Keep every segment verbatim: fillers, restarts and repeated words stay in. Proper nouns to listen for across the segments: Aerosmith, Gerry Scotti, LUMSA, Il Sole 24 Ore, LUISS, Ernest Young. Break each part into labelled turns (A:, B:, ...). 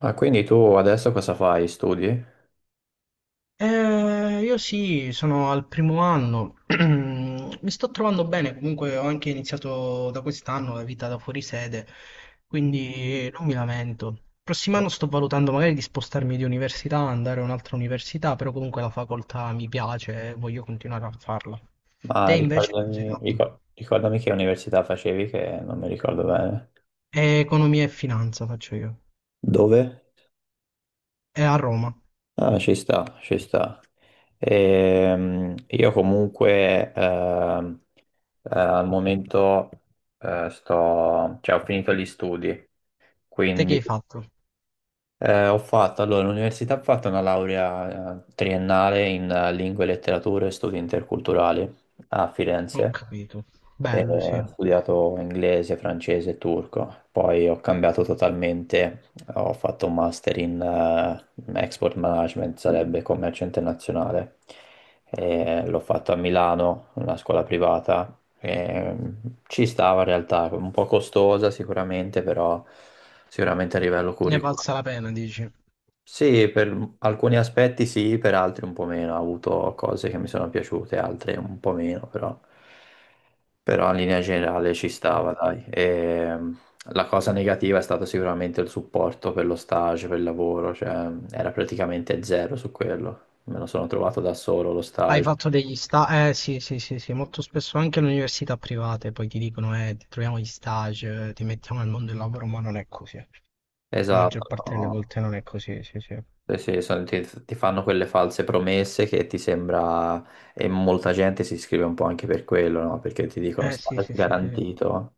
A: Ah, quindi tu adesso cosa fai? Studi?
B: Eh, io sì, sono al primo anno, mi sto trovando bene, comunque ho anche iniziato da quest'anno la vita da fuori sede, quindi non mi lamento. Prossimo anno sto valutando magari di spostarmi di università, andare a un'altra università, però comunque la facoltà mi piace e voglio continuare a farla. Te
A: Ma
B: invece che cosa hai
A: ricordami,
B: fatto?
A: ricor- ricordami che università facevi, che non mi ricordo bene.
B: Eh, Economia e finanza faccio io.
A: Dove?
B: È a Roma.
A: Ah, ci sta, ci sta. Ehm, io comunque ehm, eh, al momento eh, sto, cioè, ho finito gli studi,
B: Te che
A: quindi
B: hai fatto?
A: eh, ho fatto, allora, l'università ha fatto una laurea eh, triennale in eh, lingue, e letterature e studi interculturali a
B: Ho
A: Firenze.
B: capito.
A: E
B: Bello, sì.
A: ho studiato inglese, francese e turco, poi ho cambiato totalmente, ho fatto un master in eh, export management, sarebbe commercio internazionale. E l'ho fatto a Milano, una scuola privata. E, mm, ci stava in realtà, un po' costosa sicuramente, però sicuramente a livello
B: Ne è
A: curriculare.
B: valsa la pena, dici. Ho
A: Sì, per alcuni aspetti sì, per altri un po' meno. Ho avuto cose che mi sono piaciute, altre un po' meno, però, però in linea generale ci stava,
B: capito.
A: dai. E, mm, la cosa negativa è stato sicuramente il supporto per lo stage, per il lavoro, cioè mm, era praticamente zero su quello. Me lo sono trovato da solo lo
B: Hai
A: stage.
B: fatto degli stage? Eh sì, sì, sì, sì, molto spesso anche alle università private poi ti dicono eh, ti troviamo gli stage, eh, ti mettiamo nel mondo del lavoro, ma non è così. Eh. La
A: Esatto,
B: maggior parte delle
A: no.
B: volte non è così, sì, sì.
A: Sì, sì, sono- ti, ti fanno quelle false promesse che ti sembra, e molta gente si iscrive un po' anche per quello, no? Perché ti dicono
B: Eh sì,
A: stage
B: sì, sì, sì,
A: garantito.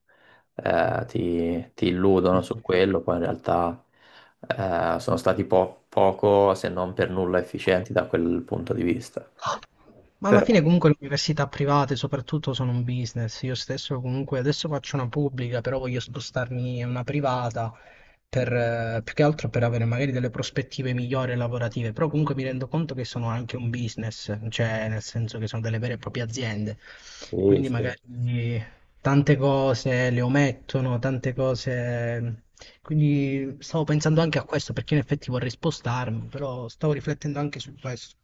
A: eh, ti, ti
B: sì,
A: illudono su
B: sì.
A: quello, poi in realtà eh, sono stati po- poco, se non per nulla, efficienti da quel punto di vista.
B: Ah. Ma alla
A: Però
B: fine comunque le università private soprattutto sono un business. Io stesso comunque adesso faccio una pubblica, però voglio spostarmi in una privata per, eh, più che altro per avere magari delle prospettive migliori lavorative. Però comunque mi rendo conto che sono anche un business, cioè nel senso che sono delle vere e proprie aziende.
A: sì,
B: Quindi
A: sì.
B: magari tante cose le omettono, tante cose. Quindi stavo pensando anche a questo perché in effetti vorrei spostarmi, però stavo riflettendo anche su questo.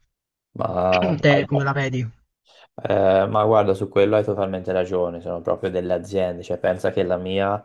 A: Ma,
B: Te come la vedi?
A: eh, ma guarda, su quello hai totalmente ragione, sono proprio delle aziende, cioè pensa che la mia eh,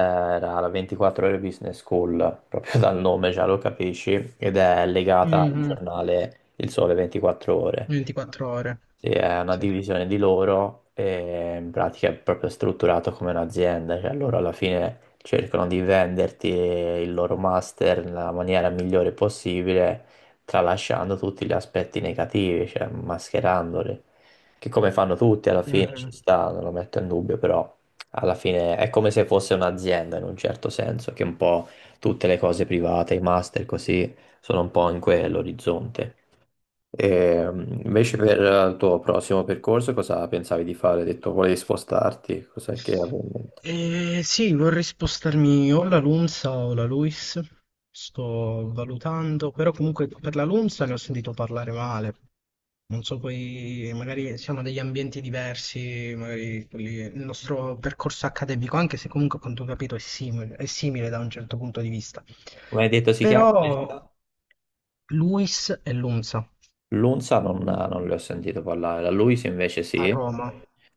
A: era la ventiquattro Ore Business School, proprio dal nome già lo capisci, ed è legata al
B: Mh-mh.
A: giornale Il Sole ventiquattro Ore.
B: ventiquattro ore.
A: Sì, è una
B: Sì.
A: divisione di loro e in pratica è proprio strutturato come un'azienda, cioè loro alla fine cercano di venderti il loro master nella maniera migliore possibile, tralasciando tutti gli aspetti negativi, cioè mascherandoli, che come fanno tutti alla fine ci
B: Mh-mh.
A: sta, non lo metto in dubbio, però alla fine è come se fosse un'azienda in un certo senso, che un po' tutte le cose private, i master così, sono un po' in quell'orizzonte. E, mm, invece
B: Capito.
A: per il tuo prossimo percorso cosa pensavi di fare? Hai detto volevi spostarti, cos'è che avevi in mente?
B: Ehm, sì, vorrei spostarmi o la LUMSA o la LUISS. Sto valutando, però comunque per la LUMSA ne ho sentito parlare male. Non so poi, magari siamo degli ambienti diversi, magari quelli- il nostro percorso accademico, anche se comunque a quanto ho capito è simile, è simile da un certo punto di vista.
A: Come hai detto si chiama
B: Però
A: questa?
B: LUISS e LUMSA.
A: L'Unza non, non le ho sentito parlare, la Luis invece
B: A
A: sì,
B: Roma.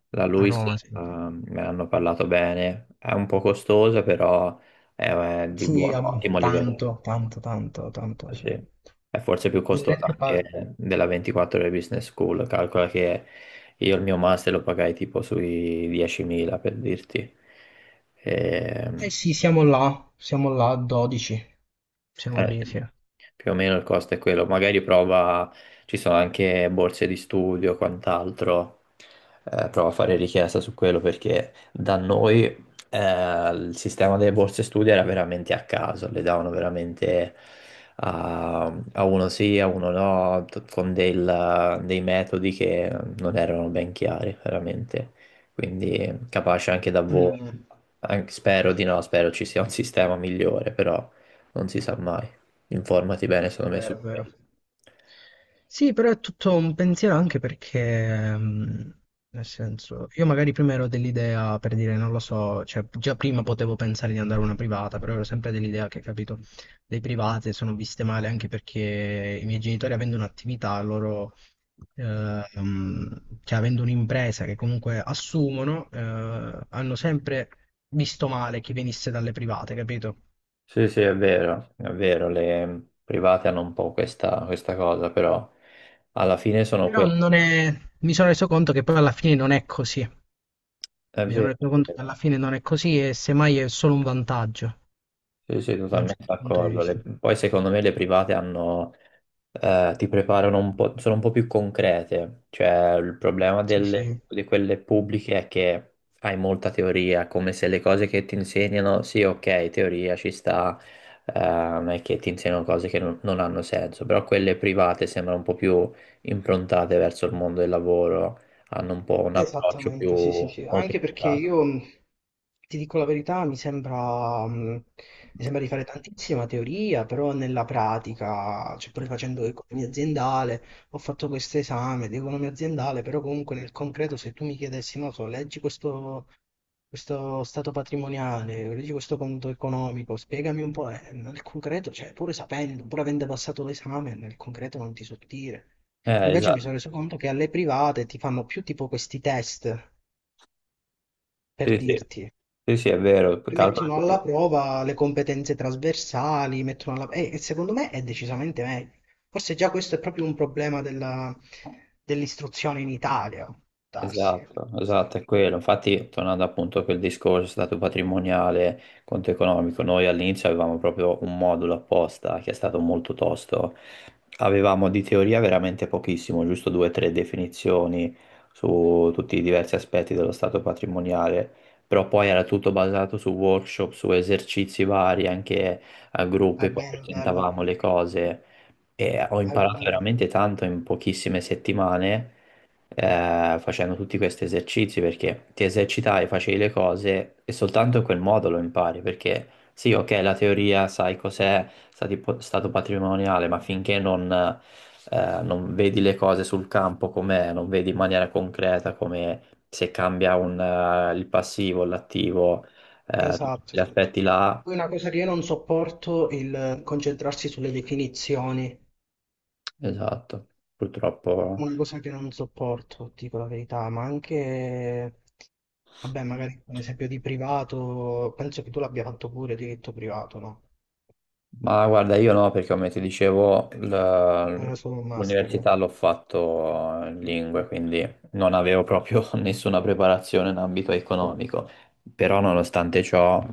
A: la
B: A
A: Luis
B: Roma, sì.
A: ehm, me ne hanno parlato bene, è un po' costosa però è, è di
B: Sì,
A: buon,
B: am-
A: ottimo livello.
B: tanto, tanto, tanto, tanto, sì.
A: Sì. È
B: Le
A: forse più costosa
B: rette. par-
A: anche della ventiquattro ore business school. Calcola che io il mio master lo pagai tipo sui diecimila per dirti.
B: Eh
A: Ehm,
B: sì, siamo là, siamo là a dodici. Siamo
A: eh,
B: lì, sì.
A: più o meno il costo è quello. Magari prova, ci sono anche borse di studio, quant'altro. Eh, prova a fare richiesta su quello perché da noi eh, il sistema delle borse studio era veramente a caso, le davano veramente a, a uno sì, a uno no, t- con del- dei metodi che non erano ben chiari, veramente. Quindi capace anche da voi.
B: Mm.
A: Anche- spero di no, spero ci sia un sistema migliore, però non si sa mai. Informati bene, secondo me, su
B: Vero, vero.
A: quello.
B: Sì, però è tutto un pensiero anche perché, mh, nel senso, io magari prima ero dell'idea, per dire, non lo so, cioè già prima potevo pensare di andare a una privata, però ero sempre dell'idea che, capito, le private sono viste male anche perché i miei genitori avendo un'attività, loro, eh, mh, cioè avendo un'impresa che comunque assumono, eh, hanno sempre visto male chi venisse dalle private, capito?
A: Sì, sì, è vero, è vero, le private hanno un po' questa, questa cosa, però alla fine sono
B: Però
A: quelle.
B: non è. Mi sono reso conto che poi alla fine non è così.
A: È
B: Mi sono
A: vero,
B: reso
A: è
B: conto che alla
A: vero.
B: fine non è così e semmai è solo un vantaggio
A: Sì, sì,
B: da un
A: totalmente
B: certo punto di
A: d'accordo. Le-
B: vista.
A: Poi secondo me le private hanno, eh, ti preparano un po', sono un po' più concrete. Cioè, il problema
B: Sì,
A: delle-
B: sì.
A: di quelle pubbliche è che hai molta teoria, come se le cose che ti insegnano, sì, ok, teoria ci sta, eh, non è che ti insegnano cose che non, non hanno senso, però quelle private sembrano un po' più improntate verso il mondo del lavoro, hanno un po' un approccio più
B: Esattamente, sì, sì, sì,
A: molto
B: anche
A: più.
B: perché io mh, ti dico la verità, mi sembra, mh, mi sembra di fare tantissima teoria, però nella pratica, cioè pure facendo economia aziendale, ho fatto questo esame di economia aziendale, però comunque nel concreto se tu mi chiedessi, non so, leggi questo, questo stato patrimoniale, leggi questo conto economico, spiegami un po', eh, nel concreto, cioè pure sapendo, pur avendo passato l'esame, nel concreto non ti so dire.
A: Eh,
B: Invece mi
A: esatto.
B: sono reso conto che alle private ti fanno più tipo questi test, per
A: Sì, sì,
B: dirti.
A: sì, sì, è vero.
B: Ti
A: Calcola
B: mettono
A: che.
B: alla prova le competenze trasversali, mettono alla. E, e secondo me è decisamente meglio. Forse già questo è proprio un problema della- dell'istruzione in Italia, può darsi. È
A: Esatto, esatto, è quello. Infatti, tornando appunto a quel discorso stato patrimoniale, conto economico, noi all'inizio avevamo proprio un modulo apposta che è stato molto tosto. Avevamo di teoria veramente pochissimo, giusto due o tre definizioni su tutti i diversi aspetti dello stato patrimoniale, però poi era tutto basato su workshop, su esercizi vari, anche a gruppi, poi
B: bello, bello.
A: presentavamo le cose e ho imparato
B: Allora,
A: veramente tanto in pochissime settimane eh, facendo tutti questi esercizi perché ti esercitai, facevi le cose e soltanto in quel modo lo impari perché sì, ok, la teoria sai cos'è stati po- stato patrimoniale, ma finché non, eh, non vedi le cose sul campo com'è, non vedi in maniera concreta come se cambia un, eh, il passivo, l'attivo, eh, Certo. Tutti
B: esatto,
A: gli
B: esatto.
A: aspetti là,
B: Poi una cosa che io non sopporto è il concentrarsi sulle definizioni.
A: esatto, purtroppo.
B: Una cosa che non sopporto, dico la verità, ma anche, vabbè, magari un esempio di privato, penso che tu l'abbia fatto pure diritto privato, no?
A: Ma guarda, io no, perché come ti dicevo,
B: Era
A: l-
B: solo un master.
A: l'università l'ho fatto in lingue, quindi non avevo proprio nessuna preparazione in ambito economico, però nonostante ciò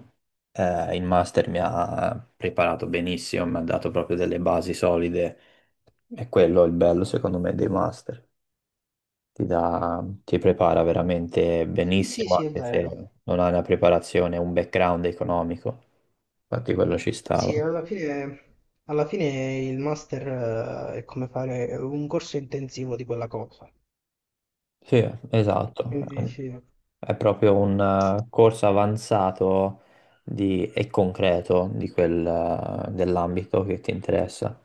A: eh, il master mi ha preparato benissimo, mi ha dato proprio delle basi solide, e quello è il bello secondo me dei master, ti dà- ti prepara veramente
B: Sì, sì,
A: benissimo
B: sì, è
A: anche
B: vero.
A: se non hai una preparazione, un background economico, infatti quello ci stava.
B: Sì, alla fine, alla fine il master eh, è come fare un corso intensivo di quella cosa.
A: Sì, esatto.
B: Quindi sì,
A: È proprio un eh, corso avanzato di- e concreto di quel, eh, dell'ambito che ti interessa.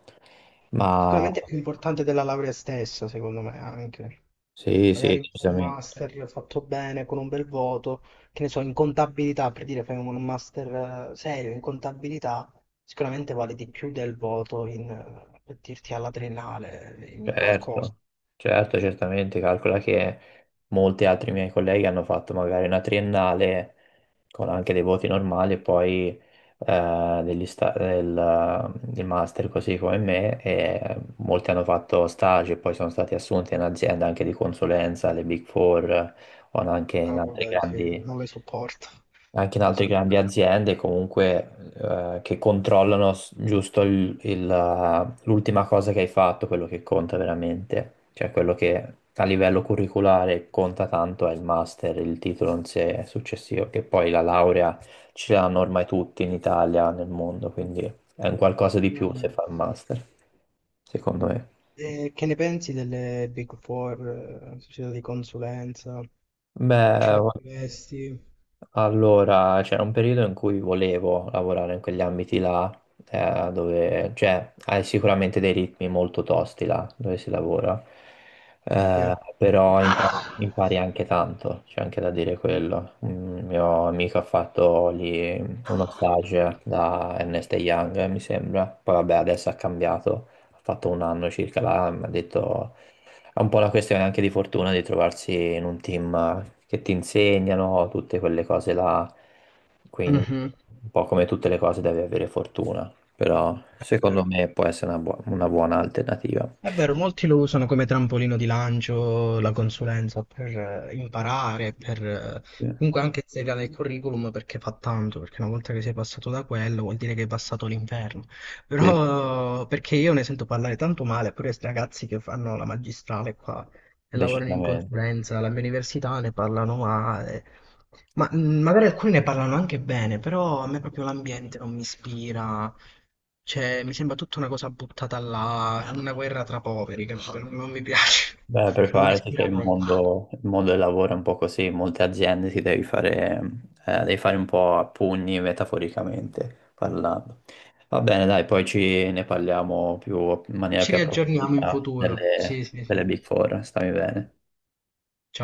A: Ma
B: sicuramente è più importante della laurea stessa, secondo me, anche.
A: sì, sì,
B: Magari un
A: decisamente.
B: master fatto bene con un bel voto, che ne so, in contabilità, per dire, fai un master eh, serio in contabilità, sicuramente vale di più del voto in, eh, per dirti, alla triennale, in qualcosa.
A: Certo, certo, certamente, calcola che molti altri miei colleghi hanno fatto magari una triennale con anche dei voti normali e poi eh, degli sta- del, del master così come me e molti hanno fatto stage e poi sono stati assunti in aziende anche di consulenza, le Big Four o anche in
B: Ah,
A: altre
B: vabbè, sì,
A: grandi
B: non le sopporto.
A: anche in
B: Le
A: altre grandi
B: sopporto.
A: aziende comunque eh, che controllano s- giusto il- il, eh, l'ultima cosa che hai fatto, quello che conta veramente, cioè quello che a livello curriculare conta tanto è il master, il titolo in sé successivo, che poi la laurea ce l'hanno ormai tutti in Italia, nel mondo, quindi è un, Certo, qualcosa di più se
B: Mm.
A: fa il master, secondo me.
B: E che ne pensi delle Big Four, eh, società di consulenza? Ci
A: Beh,
B: lavoreresti?
A: allora, c'era un periodo in cui volevo lavorare in quegli ambiti là, eh, dove, cioè, hai sicuramente dei ritmi molto tosti là, dove si lavora,
B: Sì.
A: eh,
B: Mhm.
A: però impari, impari anche tanto, c'è anche da dire quello. Un mio amico ha fatto lì uno stage da Ernest Young, eh, mi sembra, poi vabbè, adesso ha cambiato, ha fatto un anno circa là, mi ha detto è un po' una questione anche di fortuna di trovarsi in un team che ti insegnano tutte quelle cose là, quindi un po' come tutte le cose devi avere fortuna, però
B: È
A: secondo
B: vero.
A: me può essere una, buo- una buona alternativa,
B: È vero, molti lo usano come trampolino di lancio, la consulenza, per eh, imparare, per eh,
A: sì.
B: comunque anche inserire nel curriculum perché fa tanto, perché una volta che sei passato da quello vuol dire che hai passato l'inferno.
A: Sì,
B: Però perché io ne sento parlare tanto male, pure questi ragazzi che fanno la magistrale qua e lavorano in
A: decisamente.
B: consulenza, alla mia università ne parlano male, ma mh, magari alcuni ne parlano anche bene, però a me proprio l'ambiente non mi ispira, cioè mi sembra tutta una cosa buttata là, una guerra tra poveri, capito? Non, non mi piace,
A: Beh,
B: non mi
A: preparati che
B: ispira
A: il
B: proprio.
A: mondo, il mondo del lavoro è un po' così, in molte aziende ti devi fare, eh, devi fare un po' a pugni metaforicamente parlando. Va bene, dai, poi ci ne parliamo più, in maniera
B: Ci
A: più
B: riaggiorniamo in
A: approfondita
B: futuro, sì
A: delle,
B: sì sì,
A: delle Big Four, stammi bene.
B: ciao.